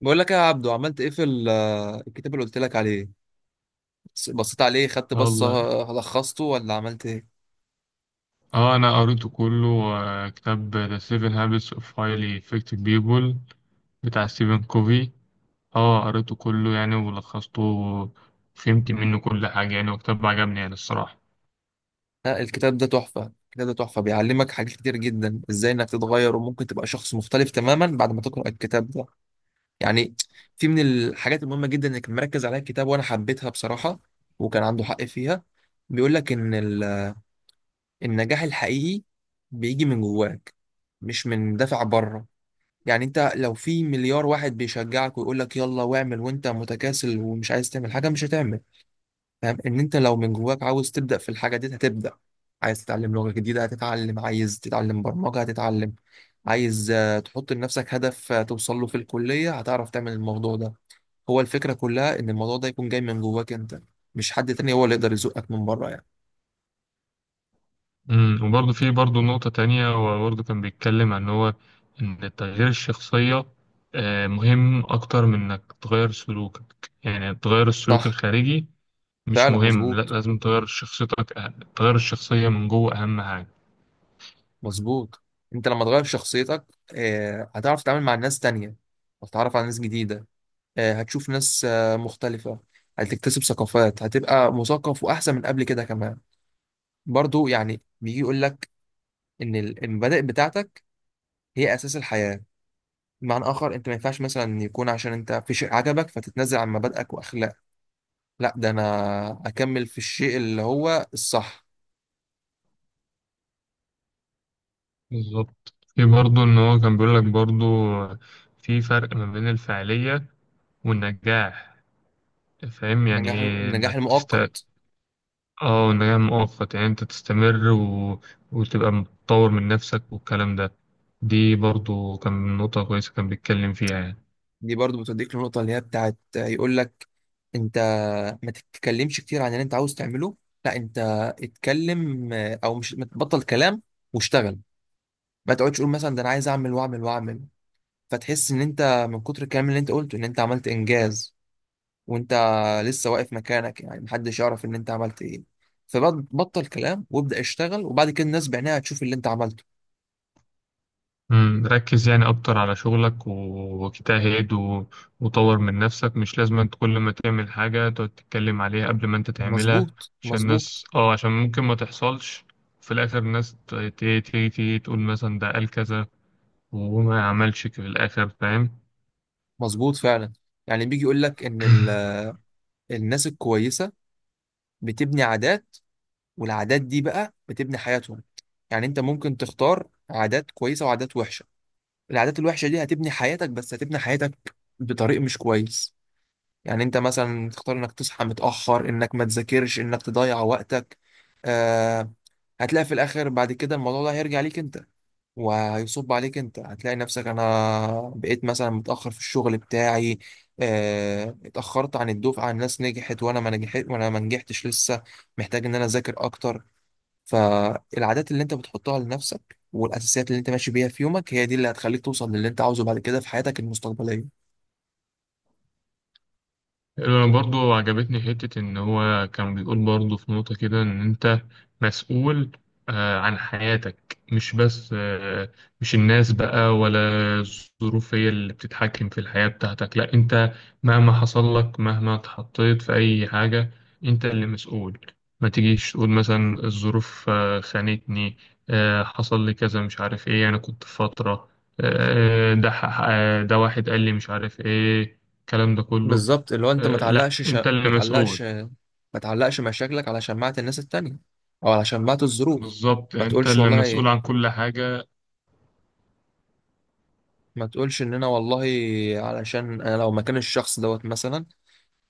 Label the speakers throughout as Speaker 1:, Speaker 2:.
Speaker 1: بقول لك إيه يا عبدو، عملت ايه في الكتاب اللي قلت لك عليه؟ بصيت عليه، خدت
Speaker 2: اه
Speaker 1: بصة.
Speaker 2: والله.
Speaker 1: لخصته ولا عملت ايه؟
Speaker 2: اه انا قريته كله، كتاب The Seven Habits of Highly Effective People بتاع ستيفن كوفي. اه قريته كله يعني ولخصته وفهمت منه كل حاجة يعني، وكتاب عجبني يعني الصراحة.
Speaker 1: لا، الكتاب ده تحفة، الكتاب ده تحفة، بيعلمك حاجات كتير جدا ازاي انك تتغير، وممكن تبقى شخص مختلف تماما بعد ما تقرأ الكتاب ده، يعني. في من الحاجات المهمة جدا انك مركز عليها الكتاب وانا حبيتها بصراحة، وكان عنده حق فيها. بيقول لك ان النجاح الحقيقي بيجي من جواك، مش من دافع بره. يعني انت لو في مليار واحد بيشجعك ويقول لك يلا واعمل، وانت متكاسل ومش عايز تعمل حاجه، مش هتعمل. فاهم ان انت لو من جواك عاوز تبدا في الحاجه دي هتبدا، عايز تتعلم لغه جديده هتتعلم، عايز تتعلم برمجه هتتعلم، عايز تحط لنفسك هدف توصل له في الكليه، هتعرف تعمل الموضوع ده. هو الفكره كلها ان الموضوع ده يكون جاي من جواك انت، مش حد تاني هو اللي يقدر يزقك من بره، يعني.
Speaker 2: وبرضه في برضه نقطة تانية، هو برضه كان بيتكلم عن ان تغيير الشخصية مهم اكتر من انك تغير سلوكك، يعني تغير السلوك
Speaker 1: صح.
Speaker 2: الخارجي مش
Speaker 1: فعلا،
Speaker 2: مهم، لا
Speaker 1: مظبوط
Speaker 2: لازم تغير شخصيتك أهم. تغير الشخصية من جوه اهم حاجة.
Speaker 1: مظبوط. انت لما تغير شخصيتك هتعرف تتعامل مع ناس تانية، هتتعرف على ناس جديدة، هتشوف ناس مختلفة، هتكتسب ثقافات، هتبقى مثقف وأحسن من قبل كده كمان. برضو يعني بيجي يقول لك إن المبادئ بتاعتك هي أساس الحياة. بمعنى آخر، أنت ما ينفعش مثلا يكون عشان أنت في شيء عجبك فتتنازل عن مبادئك وأخلاقك. لا، ده أنا أكمل في الشيء اللي هو الصح.
Speaker 2: بالظبط، في برضه إن هو كان بيقول لك برضه في فرق ما بين الفعالية والنجاح. فاهم يعني
Speaker 1: النجاح،
Speaker 2: إيه
Speaker 1: النجاح
Speaker 2: إنك
Speaker 1: المؤقت.
Speaker 2: آه النجاح مؤقت، يعني أنت تستمر وتبقى متطور من نفسك والكلام ده. دي برضه كان نقطة كويسة كان بيتكلم فيها يعني.
Speaker 1: دي برضو بتوديك للنقطة اللي هي بتاعت يقول لك انت ما تتكلمش كتير عن اللي انت عاوز تعمله. لا، انت اتكلم، او مش، ما تبطل كلام واشتغل. ما تقعدش تقول مثلا ده انا عايز اعمل واعمل واعمل، فتحس ان انت من كتر الكلام اللي انت قلته ان انت عملت انجاز وانت لسه واقف مكانك، يعني محدش يعرف ان انت عملت ايه. فبطل كلام وابدأ اشتغل، وبعد كده الناس بعينها هتشوف اللي انت عملته.
Speaker 2: ركز يعني أكتر على شغلك واجتهد وطور من نفسك. مش لازم أنت كل ما تعمل حاجة تقعد تتكلم عليها قبل ما أنت تعملها،
Speaker 1: مظبوط
Speaker 2: عشان
Speaker 1: مظبوط.
Speaker 2: الناس اه، عشان ممكن ما تحصلش، في الآخر الناس تيجي تقول مثلا ده قال كذا وما عملش في الآخر، فاهم؟
Speaker 1: مظبوط، فعلا. يعني بيجي يقول لك ان الناس الكويسة بتبني عادات، والعادات دي بقى بتبني حياتهم. يعني انت ممكن تختار عادات كويسة وعادات وحشة. العادات الوحشة دي هتبني حياتك، بس هتبني حياتك بطريق مش كويس. يعني انت مثلا تختار انك تصحى متأخر، انك ما تذاكرش، انك تضيع وقتك، آه هتلاقي في الاخر بعد كده الموضوع ده هيرجع ليك انت وهيصب عليك. انت هتلاقي نفسك، انا بقيت مثلا متأخر في الشغل بتاعي، اتأخرت عن الدفعة، الناس نجحت وانا ما نجحتش لسه، محتاج ان انا اذاكر اكتر. فالعادات اللي انت بتحطها لنفسك والاساسيات اللي انت ماشي بيها في يومك هي دي اللي هتخليك توصل للي انت عاوزه بعد كده في حياتك المستقبليه.
Speaker 2: أنا برضو عجبتني حتة إن هو كان بيقول برضو في نقطة كده إن أنت مسؤول عن حياتك، مش بس مش الناس بقى ولا الظروف هي اللي بتتحكم في الحياة بتاعتك، لا أنت، مهما حصل لك، مهما اتحطيت في أي حاجة، أنت اللي مسؤول. ما تجيش تقول مثلا الظروف خانتني، حصل لي كذا مش عارف إيه، أنا كنت في فترة، آه، آه، ده ح- آه، ده واحد قال لي مش عارف إيه الكلام ده كله.
Speaker 1: بالظبط، اللي هو انت ما
Speaker 2: لا
Speaker 1: تعلقش
Speaker 2: انت
Speaker 1: شا...
Speaker 2: اللي
Speaker 1: ما
Speaker 2: مسؤول.
Speaker 1: تعلقش ما تعلقش مشاكلك على شماعة الناس التانية او على شماعة الظروف.
Speaker 2: بالظبط
Speaker 1: ما
Speaker 2: انت
Speaker 1: تقولش
Speaker 2: اللي
Speaker 1: والله
Speaker 2: مسؤول عن كل حاجة.
Speaker 1: ما تقولش ان انا والله، علشان انا لو مكان الشخص دوت مثلا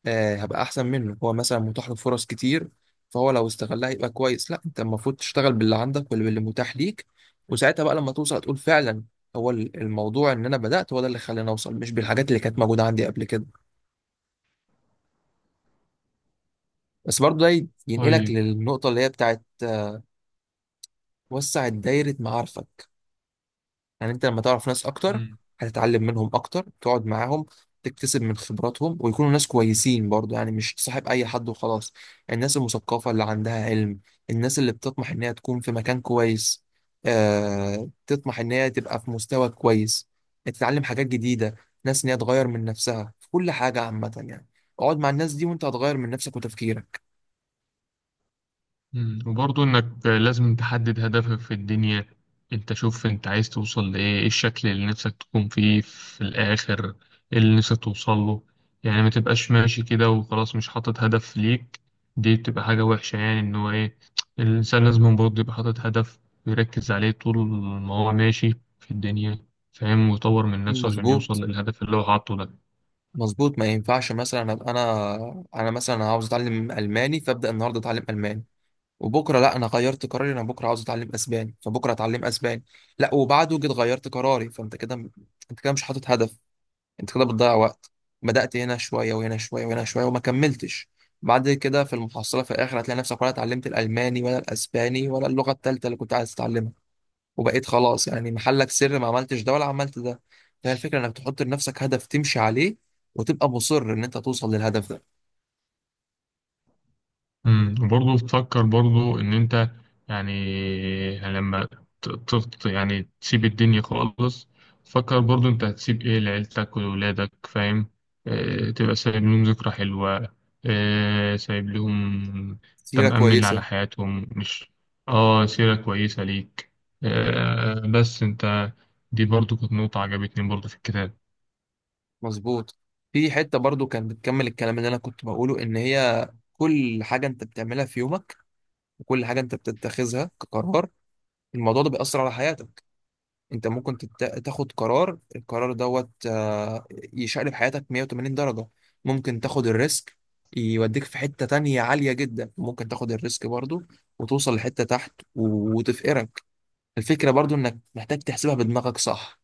Speaker 1: هبقى احسن منه، هو مثلا متاح له فرص كتير، فهو لو استغلها يبقى كويس. لا، انت المفروض تشتغل باللي عندك واللي باللي متاح ليك، وساعتها بقى لما توصل تقول فعلا هو الموضوع ان انا بدات، هو ده اللي خلاني اوصل، مش بالحاجات اللي كانت موجوده عندي قبل كده. بس برضه ده ينقلك
Speaker 2: طيب.
Speaker 1: للنقطه اللي هي بتاعت وسع دايره معارفك. يعني انت لما تعرف ناس اكتر
Speaker 2: مم.
Speaker 1: هتتعلم منهم اكتر، تقعد معاهم تكتسب من خبراتهم، ويكونوا ناس كويسين برضو، يعني مش تصاحب اي حد وخلاص. الناس المثقفة اللي عندها علم، الناس اللي بتطمح ان هي تكون في مكان كويس، تطمح ان هي تبقى في مستوى كويس، تتعلم حاجات جديدة، ناس ان هي تغير من نفسها في كل حاجة عامة، يعني اقعد مع الناس دي وانت هتغير من نفسك وتفكيرك.
Speaker 2: مم. وبرضه انك لازم تحدد هدفك في الدنيا. انت شوف انت عايز توصل لايه، ايه الشكل اللي نفسك تكون فيه في الاخر، ايه اللي نفسك توصل له. يعني ما تبقاش ماشي كده وخلاص مش حاطط هدف ليك، دي بتبقى حاجة وحشة. يعني ان هو ايه، الانسان لازم برضه يبقى حاطط هدف ويركز عليه طول ما هو ماشي في الدنيا، فاهم؟ ويطور من نفسه عشان يوصل
Speaker 1: مظبوط
Speaker 2: للهدف اللي هو حاطه ده.
Speaker 1: مظبوط. ما ينفعش مثلا ابقى انا مثلا عاوز اتعلم الماني، فابدا النهارده اتعلم الماني، وبكره لا انا غيرت قراري، انا بكره عاوز اتعلم اسباني، فبكره اتعلم اسباني، لا وبعده جيت غيرت قراري. فانت كده، انت كده مش حاطط هدف، انت كده بتضيع وقت، بدأت هنا شويه وهنا شويه وهنا شويه وما كملتش. بعد كده في المحصله في الاخر هتلاقي نفسك ولا اتعلمت الالماني ولا الاسباني ولا اللغه الثالثه اللي كنت عايز تتعلمها، وبقيت خلاص يعني محلك سر، ما عملتش ده ولا عملت ده. فهي الفكره انك تحط لنفسك هدف تمشي عليه وتبقى مصر ان انت توصل للهدف ده.
Speaker 2: وبرضه تفكر برضه ان انت، يعني لما ت- يعني تسيب الدنيا خالص، فكر برضه انت هتسيب ايه لعيلتك ولولادك، فاهم؟ اه تبقى سايب لهم ذكرى حلوة، اه سايب لهم، انت
Speaker 1: سيره
Speaker 2: مأمن على
Speaker 1: كويسه.
Speaker 2: حياتهم. مش اه سيرة كويسة ليك؟ اه بس انت، دي برضه كانت نقطة عجبتني برضه في الكتاب.
Speaker 1: مظبوط. في حتة برضو كانت بتكمل الكلام اللي أنا كنت بقوله إن هي كل حاجة أنت بتعملها في يومك وكل حاجة أنت بتتخذها كقرار، الموضوع ده بيأثر على حياتك. أنت ممكن تاخد قرار، القرار دوت يشقلب حياتك 180 درجة. ممكن تاخد الريسك يوديك في حتة تانية عالية جدا، ممكن تاخد الريسك برضو وتوصل لحتة تحت وتفقرك. الفكرة برضو إنك محتاج تحسبها بدماغك صح،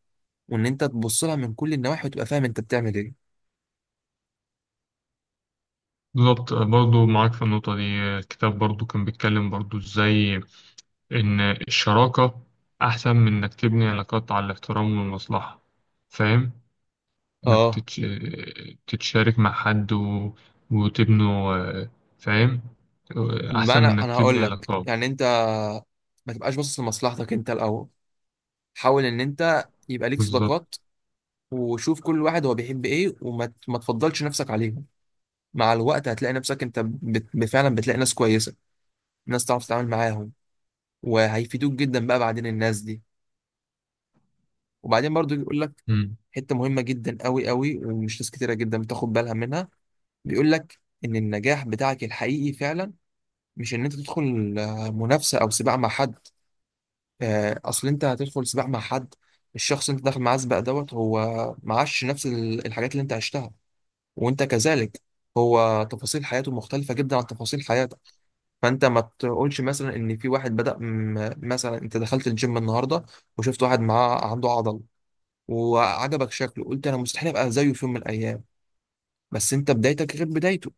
Speaker 1: وإن أنت تبص لها من كل النواحي وتبقى فاهم أنت بتعمل إيه.
Speaker 2: بالظبط برضه معاك في النقطة دي. الكتاب برضه كان بيتكلم برضه ازاي إن الشراكة أحسن من إنك تبني علاقات على الاحترام والمصلحة، فاهم؟ إنك
Speaker 1: اه،
Speaker 2: تتشارك مع حد وتبنوا آه، فاهم؟
Speaker 1: ما
Speaker 2: أحسن من
Speaker 1: انا
Speaker 2: إنك
Speaker 1: انا
Speaker 2: تبني
Speaker 1: هقول لك
Speaker 2: علاقات.
Speaker 1: يعني، انت ما تبقاش باصص لمصلحتك انت الاول، حاول ان انت يبقى ليك
Speaker 2: بالظبط.
Speaker 1: صداقات، وشوف كل واحد هو بيحب ايه، وما ت- ما تفضلش نفسك عليهم. مع الوقت هتلاقي نفسك انت فعلا بتلاقي ناس كويسه، ناس تعرف تتعامل معاهم وهيفيدوك جدا بقى بعدين الناس دي. وبعدين برضو يقول لك
Speaker 2: مم.
Speaker 1: حته مهمه جدا قوي قوي، ومش ناس كتيره جدا بتاخد بالها منها. بيقول لك ان النجاح بتاعك الحقيقي فعلا مش ان انت تدخل منافسه او سباق مع حد. اصل انت هتدخل سباق مع حد، الشخص اللي انت داخل معاه سباق دوت هو معاش نفس الحاجات اللي انت عشتها، وانت كذلك. هو تفاصيل حياته مختلفة جدا عن تفاصيل حياتك. فانت ما تقولش مثلا ان في واحد بدأ مثلا انت دخلت الجيم النهارده وشفت واحد معاه عنده عضل، وعجبك شكله، قلت انا مستحيل ابقى زيه في يوم من الايام. بس انت بدايتك غير بدايته،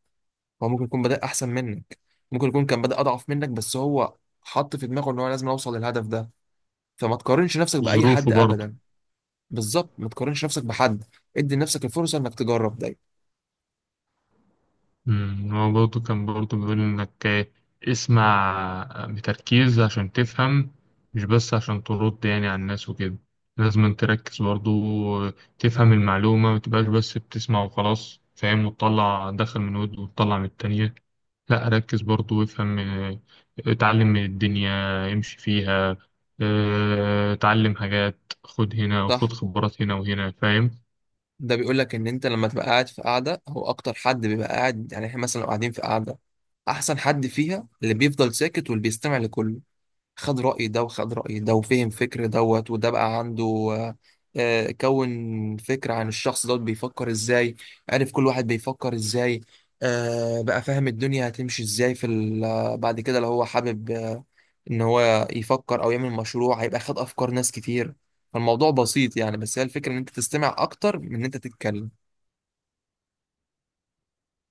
Speaker 1: هو ممكن يكون بدأ احسن منك، ممكن يكون كان بدأ اضعف منك بس هو حط في دماغه ان هو لازم اوصل للهدف ده. فما تقارنش نفسك بأي
Speaker 2: ظروفه
Speaker 1: حد
Speaker 2: برضه.
Speaker 1: ابدا. بالظبط، ما تقارنش نفسك بحد، ادي لنفسك الفرصه انك تجرب دايما.
Speaker 2: هو برضه كان برضه بيقول إنك اسمع بتركيز عشان تفهم، مش بس عشان ترد يعني على الناس وكده. لازم أن تركز برضه، تفهم المعلومة، متبقاش بس بتسمع وخلاص، فاهم؟ وتطلع دخل من ود وتطلع من التانية، لأ ركز برضه وافهم. اتعلم من الدنيا، امشي فيها، اتعلم حاجات، خد هنا
Speaker 1: صح.
Speaker 2: وخد خبرات هنا وهنا، فاهم؟
Speaker 1: ده بيقول لك ان انت لما تبقى قاعد في قعده، هو اكتر حد بيبقى قاعد، يعني احنا مثلا لو قاعدين في قعده احسن حد فيها اللي بيفضل ساكت واللي بيستمع لكله، خد رأي ده وخد رأي ده وفهم فكر دوت، وده بقى عنده آه، كون فكرة عن الشخص دوت بيفكر ازاي، عارف كل واحد بيفكر ازاي، بقى فاهم الدنيا هتمشي ازاي في بعد كده لو هو حابب ان هو يفكر او يعمل مشروع، هيبقى خد افكار ناس كتير. فالموضوع بسيط يعني، بس هي الفكرة ان انت تستمع اكتر من ان انت تتكلم.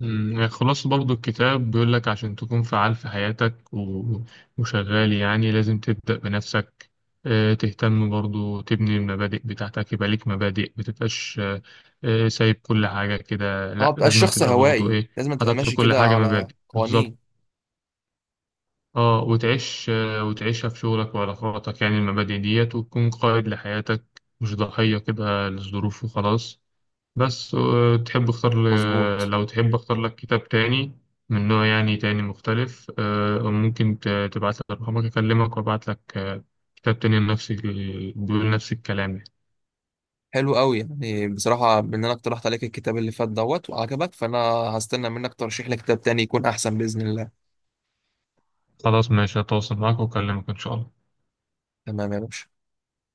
Speaker 2: خلاصة برضو الكتاب بيقول لك عشان تكون فعال في حياتك وشغال، يعني لازم تبدأ بنفسك، تهتم برضو تبني المبادئ بتاعتك، يبقى ليك مبادئ، متبقاش سايب كل حاجة كده،
Speaker 1: هو
Speaker 2: لأ
Speaker 1: بقى
Speaker 2: لازم
Speaker 1: الشخص
Speaker 2: تبقى برضو
Speaker 1: هوائي،
Speaker 2: إيه
Speaker 1: لازم تبقى
Speaker 2: حاطط
Speaker 1: ماشي
Speaker 2: لكل
Speaker 1: كده
Speaker 2: حاجة
Speaker 1: على
Speaker 2: مبادئ
Speaker 1: قوانين.
Speaker 2: بالظبط. اه وتعيش، وتعيشها في شغلك وعلاقاتك، يعني المبادئ ديت، وتكون قائد لحياتك مش ضحية كده للظروف وخلاص. بس
Speaker 1: مظبوط.
Speaker 2: لو تحب اختار لك كتاب تاني من نوع يعني تاني مختلف، ممكن تبعت لي رقمك اكلمك وابعت لك كتاب تاني نفس بيقول نفس الكلام.
Speaker 1: حلو قوي، يعني بصراحة بما ان انا اقترحت عليك الكتاب اللي فات دوت وعجبك، فانا هستنى منك ترشيح لي كتاب تاني يكون احسن بإذن الله.
Speaker 2: خلاص ماشي هتواصل معاك واكلمك ان شاء الله.
Speaker 1: تمام يا باشا.